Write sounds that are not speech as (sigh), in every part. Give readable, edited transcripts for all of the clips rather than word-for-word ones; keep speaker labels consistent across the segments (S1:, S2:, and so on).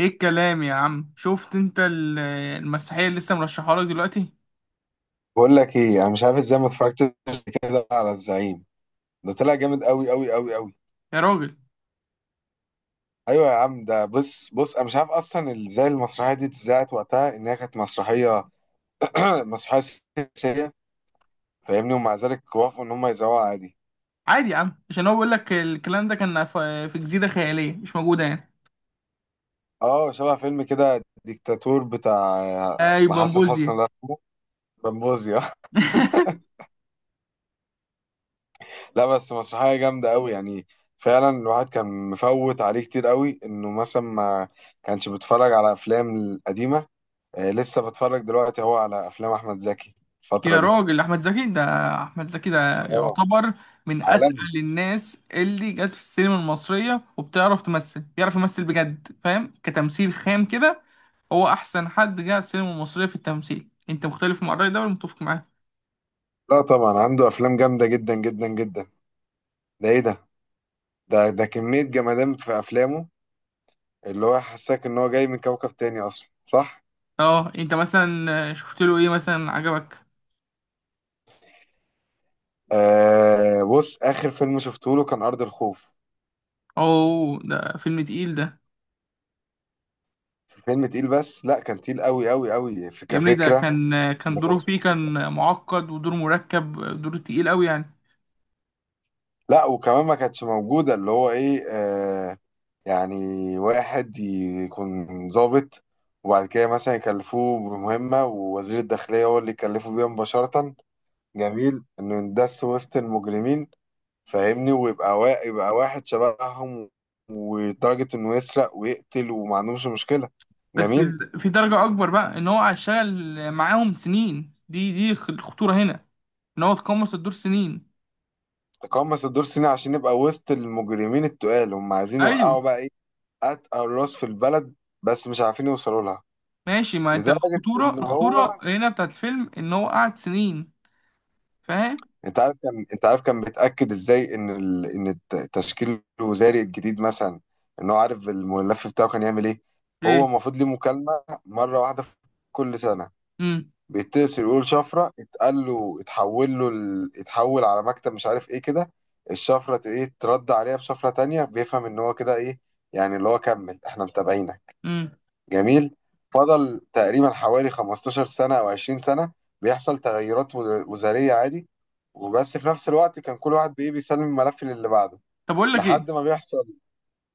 S1: ايه الكلام يا عم؟ شفت انت المسرحيه اللي لسه مرشحها لك دلوقتي؟
S2: بقول لك ايه، انا مش عارف ازاي ما اتفرجتش كده على الزعيم. ده طلع جامد قوي قوي قوي قوي.
S1: يا راجل،
S2: ايوه يا عم، ده بص بص، انا مش عارف اصلا ازاي المسرحيه دي اتذاعت وقتها، انها كانت مسرحيه (clears throat) مسرحيه سياسيه، فاهمني، ومع ذلك وافقوا ان هم يذاعوها عادي.
S1: عادي يا عم، عشان هو بيقول لك الكلام ده كان في جزيره خياليه مش موجوده يعني.
S2: اه، شبه فيلم كده ديكتاتور بتاع،
S1: اي
S2: مع حسن حسني
S1: بامبوزيا.
S2: الله يرحمه، بمبوزيا.
S1: (laughs)
S2: (laughs) لا بس مسرحيه جامده قوي يعني. فعلا الواحد كان مفوت عليه كتير قوي، انه مثلا ما كانش بيتفرج على افلام قديمه. آه، لسه بتفرج دلوقتي هو على افلام احمد زكي الفتره
S1: يا
S2: دي.
S1: راجل، احمد زكي ده
S2: اه.
S1: يعتبر من
S2: عالمي.
S1: اتقل الناس اللي جت في السينما المصريه، وبتعرف تمثل بيعرف يمثل بجد، فاهم؟ كتمثيل خام كده. هو احسن حد جه على السينما المصريه في التمثيل. انت مختلف مع الراي ده ولا متفق معاه؟
S2: لا طبعا عنده افلام جامده جدا جدا جدا. ده ايه ده؟ ده كميه جمدان في افلامه، اللي هو حساك ان هو جاي من كوكب تاني اصلا، صح.
S1: اه. انت مثلا شفت له ايه مثلا عجبك؟
S2: آه بص، اخر فيلم شفته له كان ارض الخوف.
S1: اوه، ده فيلم تقيل ده.
S2: فيلم تقيل، بس لا، كان تقيل قوي قوي قوي في
S1: يا ابني ده
S2: كفكره.
S1: كان
S2: ما
S1: دوره
S2: كانتش
S1: فيه
S2: موجودة.
S1: كان معقد، ودور مركب، دور تقيل قوي يعني.
S2: لا وكمان ما كانتش موجوده اللي هو ايه، يعني، واحد يكون ضابط، وبعد كده مثلا يكلفوه بمهمة، ووزير الداخلية هو اللي يكلفه بيها مباشرة. جميل، إنه يندس وسط المجرمين، فاهمني، ويبقى يبقى واحد شبههم، ولدرجة إنه يسرق ويقتل وما عندهمش مشكلة.
S1: بس
S2: جميل.
S1: في درجة اكبر بقى ان هو هيشتغل معاهم سنين، دي الخطورة هنا، ان هو تقمص الدور سنين.
S2: تقمص الدور سنة عشان يبقى وسط المجرمين التقال، هم عايزين يوقعوا
S1: ايوه.
S2: بقى إيه؟ أتقل راس في البلد، بس مش عارفين يوصلوا لها.
S1: ماشي، ما انت
S2: لدرجة إن
S1: الخطورة
S2: هو
S1: الخطورة هنا بتاعت الفيلم ان هو قعد سنين. فاهم؟
S2: انت عارف كان بيتاكد ازاي ان التشكيل الوزاري الجديد مثلا، ان هو عارف الملف بتاعه كان يعمل ايه. هو
S1: ايه.
S2: المفروض ليه مكالمه مره واحده في كل سنه،
S1: امم.
S2: بيتصل يقول شفره، اتقال له، اتحول له اتحول على مكتب، مش عارف ايه كده. الشفره ت- ايه ترد عليها بشفره تانية، بيفهم ان هو كده ايه، يعني اللي هو كمل احنا متابعينك.
S1: امم
S2: جميل. فضل تقريبا حوالي 15 سنة أو 20 سنة بيحصل تغيرات وزارية عادي، وبس في نفس الوقت كان كل واحد بإيه بيسلم الملف للي بعده
S1: طب اقول لك
S2: لحد
S1: ايه،
S2: ما بيحصل.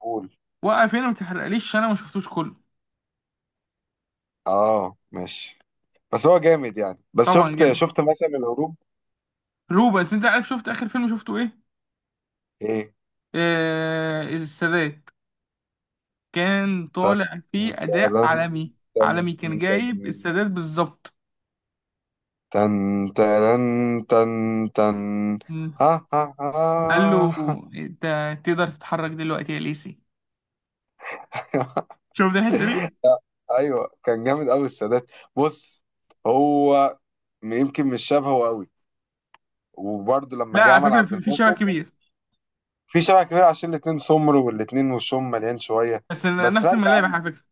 S2: قول.
S1: وقف هنا ما تحرقليش عشان انا ما شفتوش كله.
S2: اه ماشي. بس هو جامد يعني. بس
S1: طبعا
S2: شفت
S1: جامد.
S2: شفت مثلا الهروب.
S1: روبنز، انت عارف شفت اخر فيلم شفته ايه؟
S2: ايه.
S1: السادات. كان
S2: تن،
S1: طالع فيه أداء
S2: ترن،
S1: عالمي.
S2: تن،
S1: عالمي، كان
S2: تن،
S1: جايب السادات بالظبط.
S2: تن، ترن، تن، تن.
S1: مم.
S2: ها ها
S1: قال له:
S2: ها.
S1: أنت تقدر تتحرك دلوقتي يا ليسي.
S2: (laughs)
S1: شفت الحتة دي؟
S2: ايوه، كان جامد قوي السادات. بص، هو يمكن مش شبهه قوي، وبرده لما
S1: لا،
S2: جه
S1: على
S2: عمل
S1: فكرة
S2: عبد
S1: في شبه
S2: الناصر.
S1: كبير.
S2: في شبه كبير، عشان الاتنين سمر والاتنين وشهم مليان شويه.
S1: بس أنا
S2: بس
S1: نفس
S2: لا يا
S1: الملامح
S2: عم،
S1: على فكرة.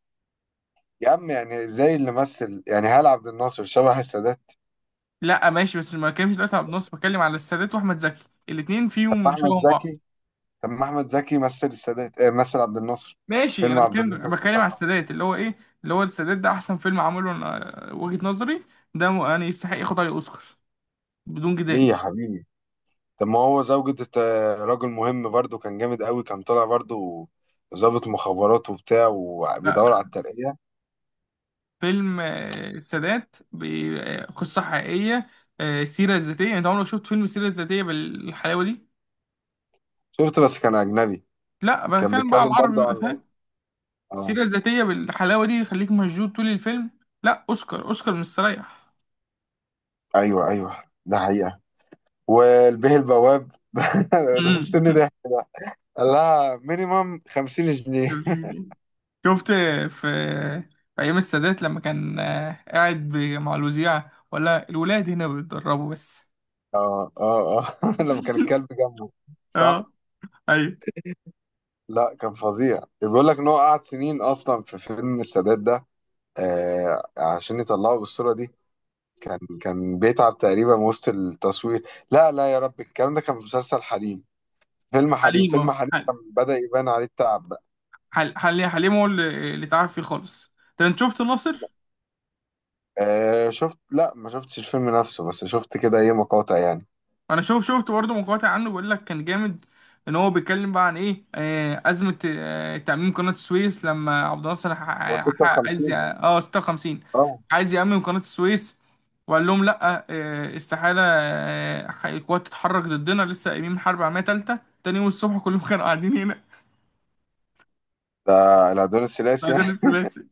S2: يا عم يعني زي اللي مثل يعني، هل عبد الناصر شبه السادات؟
S1: لا ماشي، بس ما بتكلمش دلوقتي على النص، بتكلم على السادات وأحمد زكي الاتنين
S2: طب
S1: فيهم
S2: احمد
S1: شبه بعض.
S2: زكي، طب ما احمد زكي مثل السادات، آه مثل عبد الناصر.
S1: ماشي.
S2: فيلم عبد
S1: أنا
S2: الناصر
S1: بتكلم على
S2: 56.
S1: السادات، اللي هو إيه؟ اللي هو السادات ده أحسن فيلم عمله، وجهة نظري. ده يعني يستحق ياخد عليه أوسكار بدون
S2: ليه
S1: جدال.
S2: يا حبيبي؟ طب ما هو راجل مهم برضه، كان جامد قوي، كان طالع برضه ضابط مخابرات وبتاع
S1: لا
S2: وبيدور
S1: لا،
S2: على الترقية.
S1: فيلم السادات بقصة حقيقية، سيرة ذاتية. انت عمرك شفت فيلم السيرة الذاتية بالحلاوة دي؟
S2: شفت، بس كان أجنبي.
S1: لا،
S2: كان
S1: بتكلم بقى على
S2: بيتكلم برضه
S1: العربي بقى،
S2: عن
S1: فاهم؟
S2: اه
S1: السيرة الذاتية بالحلاوة دي يخليك مشدود طول الفيلم. لا، اوسكار اوسكار مستريح.
S2: ايوه. ايوه ده حقيقه. والبيه البواب، (laughs) ده
S1: مم.
S2: مستني
S1: (laughs)
S2: ضحك ده. قال لها مينيمم 50 جنيه.
S1: شفت في ايام السادات لما كان قاعد مع الوزيع ولا الولاد هنا بيتدربوا بس.
S2: اه، اه، اه، (laughs) لما كان الكلب
S1: (laughs)
S2: جنبه.
S1: اه.
S2: صح.
S1: ايوه.
S2: لا كان فظيع، بيقول لك ان هو قعد سنين اصلا في فيلم السادات ده، آه عشان يطلعه بالصوره دي. كان بيتعب تقريبا وسط التصوير. لا لا، يا رب، الكلام ده كان في مسلسل حريم،
S1: حليم
S2: فيلم
S1: اه
S2: حريم
S1: حل-
S2: كان بدأ يبان عليه التعب بقى.
S1: حل- حل- حليم هو اللي تعب فيه خالص. طب انت شفت ناصر؟
S2: آه شفت، لا ما شفتش الفيلم نفسه، بس شفت كده ايه مقاطع يعني.
S1: انا شفت برضه مقاطع عنه، بيقول لك كان جامد. ان هو بيتكلم بقى عن ايه؟ ازمه، تاميم قناه السويس لما عبد الناصر ح-
S2: هو
S1: ح- عايز
S2: 56.
S1: ي- اه 56
S2: اه
S1: عايز يامم قناه السويس. وقال لهم لا، استحاله، القوات تتحرك ضدنا، لسه قايمين حرب عالميه ثالثه. تاني يوم الصبح كلهم كانوا قاعدين هنا.
S2: ده العدوان
S1: (laughs)
S2: الثلاثي يعني.
S1: بعدين الثلاثي.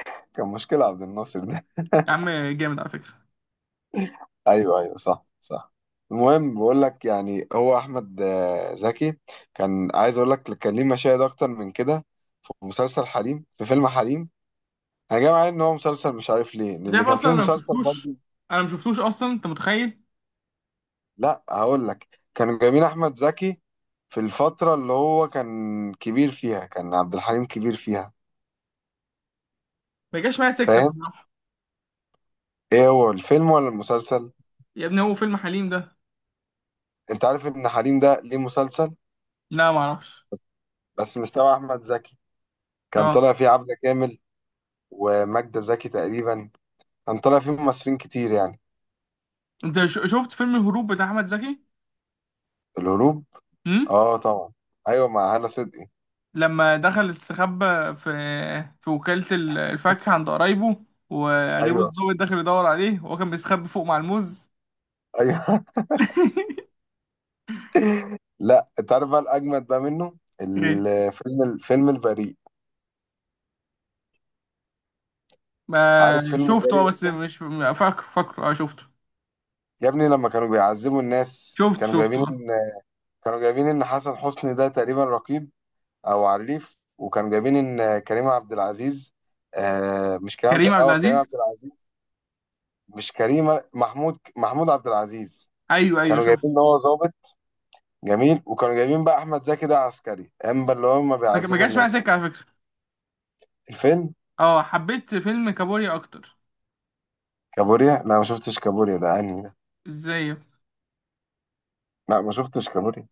S2: (laughs) كان مشكلة عبد الناصر ده.
S1: يا عم، جامد على فكره.
S2: (laughs) ايوه ايوه صح صح. المهم بقول لك، يعني هو احمد زكي، كان عايز اقول لك كان ليه مشاهد اكتر من كده في مسلسل حريم، في فيلم حريم. انا جاي معايا ان هو مسلسل، مش عارف ليه،
S1: انت
S2: لان
S1: عارف
S2: كان في
S1: اصلا
S2: مسلسل برضه.
S1: انا ما شفتوش اصلا، انت متخيل؟
S2: لا هقول لك، كانوا جايبين احمد زكي في الفترة اللي هو كان كبير فيها، كان عبد الحليم كبير فيها.
S1: ما جاش معايا سكه
S2: فاهم.
S1: الصراحه.
S2: ايه هو، الفيلم ولا المسلسل؟
S1: يا ابني هو فيلم حليم ده.
S2: انت عارف ان حريم ده ليه مسلسل،
S1: لا ما اعرفش.
S2: بس مش تبع احمد زكي. كان
S1: اه.
S2: طالع فيه عبده كامل وماجده زكي تقريبا، كان طالع فيه ممثلين كتير يعني.
S1: انت شفت فيلم الهروب بتاع احمد زكي؟
S2: الهروب؟
S1: امم.
S2: اه طبعا، ايوه مع هالة صدقي.
S1: لما دخل استخبى في في وكالة الفاكهة عند قرايبه، وقريبه
S2: ايوه
S1: الظابط داخل يدور عليه وهو كان بيستخبى فوق مع الموز.
S2: ايوه.
S1: (laughs)
S2: (laughs) لا، انت عارف بقى الاجمد بقى منه؟
S1: ايه
S2: الفيلم، البريء.
S1: ما
S2: عارف فيلم
S1: شفته؟ اه،
S2: البريء؟
S1: بس مش فاكره اه شفته.
S2: يا ابني، لما كانوا بيعذبوا الناس،
S1: شفته اه.
S2: كانوا جايبين ان حسن حسني ده تقريبا رقيب او عريف، وكانوا جايبين ان كريم عبد العزيز، آه مش كريم عبد
S1: كريم عبد
S2: كريم عبد
S1: العزيز.
S2: العزيز، مش كريمه محمود عبد العزيز.
S1: ايوه، ايوه
S2: كانوا
S1: شفته.
S2: جايبين ان هو ظابط، جميل. وكانوا جايبين بقى احمد زكي ده عسكري امبا اللي هم
S1: ما
S2: بيعذبوا
S1: جاش معايا
S2: الناس.
S1: سكة على فكرة.
S2: الفيلم
S1: اه، حبيت فيلم كابوريا اكتر.
S2: كابوريا؟ لا ما شفتش كابوريا ده، انهي ده؟
S1: ازاي؟
S2: لا ما شفتش كابوريا.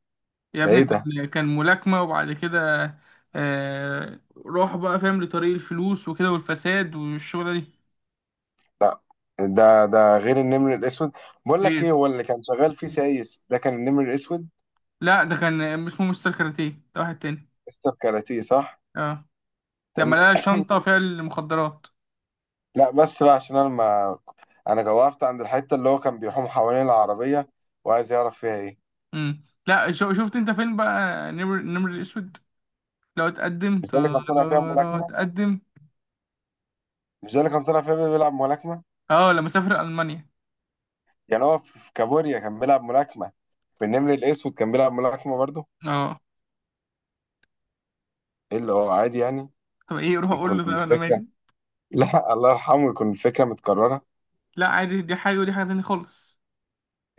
S1: يا
S2: ده
S1: ابني
S2: ايه ده؟
S1: كان ملاكمة وبعد كده، آه روح بقى، فاهم؟ لطريق الفلوس وكده والفساد والشغلة دي.
S2: ده غير النمر الاسود. بقول لك ايه،
S1: غير.
S2: هو اللي كان شغال فيه سايس ده كان النمر الاسود.
S1: لا ده كان اسمه مستر كاراتيه، ده واحد تاني.
S2: مستر كاراتيه، صح.
S1: اه،
S2: تم...
S1: لما لقى شنطة
S2: (coughs)
S1: فيها المخدرات.
S2: لا بس بقى، عشان انا ما انا وقفت عند الحته اللي هو كان بيحوم حوالين العربيه وعايز يعرف فيها ايه.
S1: امم. لا، شفت انت فين بقى؟ نمر الاسود. لو اتقدم.
S2: مش ده اللي كان طالع فيها
S1: لو
S2: ملاكمه؟
S1: اتقدم.
S2: مش ده اللي كان طالع فيها بيلعب ملاكمة؟
S1: اه. لما سافر المانيا.
S2: يعني هو في كابوريا كان بيلعب ملاكمة، في النمر الأسود كان بيلعب ملاكمة برضه.
S1: اه.
S2: ايه اللي هو عادي يعني،
S1: طب ايه، روح اقول
S2: يكون
S1: له طب انا
S2: الفكرة.
S1: مالي.
S2: (laughs) لا الله يرحمه، يكون الفكرة متكررة.
S1: لا عادي، دي حاجة ودي حاجة تانية خالص.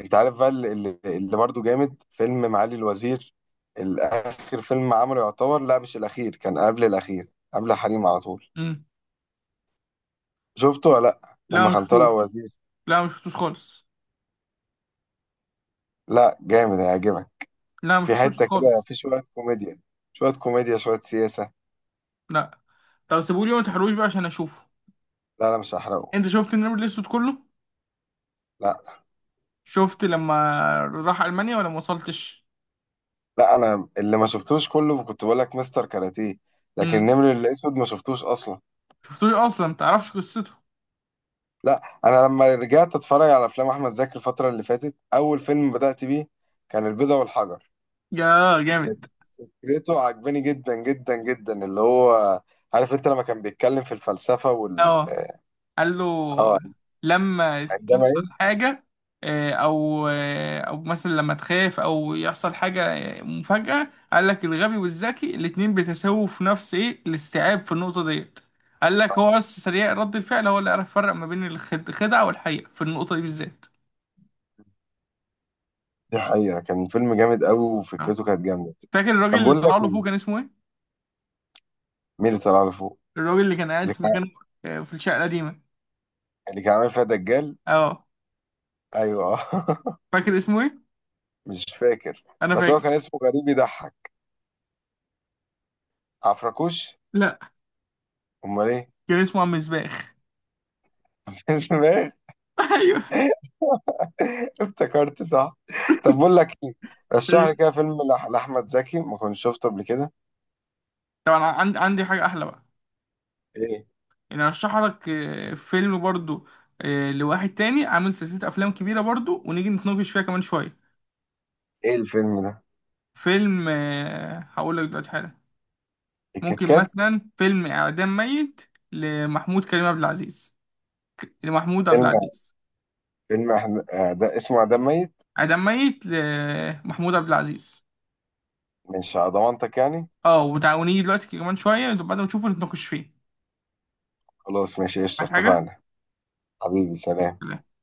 S2: انت عارف بقى اللي برضه جامد، فيلم معالي الوزير. الآخر فيلم عمله يعتبر، لا مش الأخير، كان قبل الأخير قبل حريم على طول.
S1: امم.
S2: شفته ولا لا،
S1: لا
S2: لما كان طالع
S1: مشفتوش.
S2: وزير؟
S1: لا مشفتوش خالص.
S2: لا جامد هيعجبك،
S1: لا
S2: في
S1: مشفتوش
S2: حتة كده،
S1: خالص.
S2: في شوية كوميديا، شوية سياسة.
S1: لا. طب سيبولي وما تحرقوش بقى عشان اشوفه.
S2: لا لا مش هحرقه.
S1: انت شفت النمر الاسود كله؟
S2: لا،
S1: شفت لما راح المانيا ولا ما وصلتش؟
S2: لا انا اللي ما شفتوش كله، كنت بقول لك مستر كاراتيه، لكن
S1: امم.
S2: النمر الاسود ما شفتوش اصلا.
S1: شفتوش اصلا، ما تعرفش قصته.
S2: لا انا لما رجعت اتفرج على افلام احمد زكي الفتره اللي فاتت، اول فيلم بدات بيه كان البيضة والحجر.
S1: يا جامد.
S2: فكرته عجباني جدا جدا جدا، اللي هو، عارف انت لما كان بيتكلم في الفلسفه وال...
S1: اه. قال له:
S2: اه،
S1: لما
S2: عندما
S1: تحصل
S2: ايه.
S1: حاجه، او مثلا لما تخاف او يحصل حاجه، مفاجاه، قال لك الغبي والذكي الاتنين بيتساووا في نفس ايه؟ الاستيعاب في النقطه ديت. قال لك هو بس سريع رد الفعل هو اللي عرف يفرق ما بين الخدعه والحقيقه في النقطه دي بالذات.
S2: دي حقيقه، كان فيلم جامد قوي
S1: آه.
S2: وفكرته كانت جامده.
S1: فاكر الراجل
S2: طب
S1: اللي
S2: بقول لك
S1: طلع له
S2: ايه،
S1: فوق كان اسمه ايه؟
S2: مين اللي طلع لفوق،
S1: الراجل اللي كان
S2: اللي
S1: قاعد في
S2: كان،
S1: مكانه، في الشقة القديمة.
S2: اللي كان عامل فيها دجال،
S1: اه.
S2: ايوه. (laughs)
S1: فاكر اسمه ايه؟
S2: مش فاكر،
S1: انا
S2: بس هو
S1: فاكر.
S2: كان اسمه غريب يضحك. عفركوش؟
S1: لا،
S2: امال ايه؟
S1: كان اسمه عم مسباح.
S2: (laughs) اسمه.
S1: (laughs) ايوه.
S2: افتكرت صح. طب بقول لك ايه، رشح لي كده فيلم لاحمد زكي ما كنتش شفته قبل كده.
S1: طبعا، عندي حاجة احلى بقى.
S2: ايه؟
S1: انا ارشح لك فيلم برضو، لواحد تاني عامل سلسلة افلام كبيرة برضو، ونيجي نتناقش فيها كمان شوية.
S2: ايه الفيلم ده،
S1: فيلم هقول لك دلوقتي حالا.
S2: الكيت
S1: ممكن
S2: كات؟
S1: مثلا فيلم اعدام ميت، لمحمود كريم عبد العزيز، لمحمود عبد
S2: فيلم،
S1: العزيز.
S2: ده اسمه عدم ميت.
S1: اعدام ميت لمحمود عبد العزيز.
S2: مش على ضمانتك يعني.
S1: اه، وتعاونيه دلوقتي كمان شويه، بعد ما نشوفه نتناقش فيه.
S2: خلاص ماشي، قشطه،
S1: عايز حاجه؟
S2: اتفقنا. حبيبي سلام.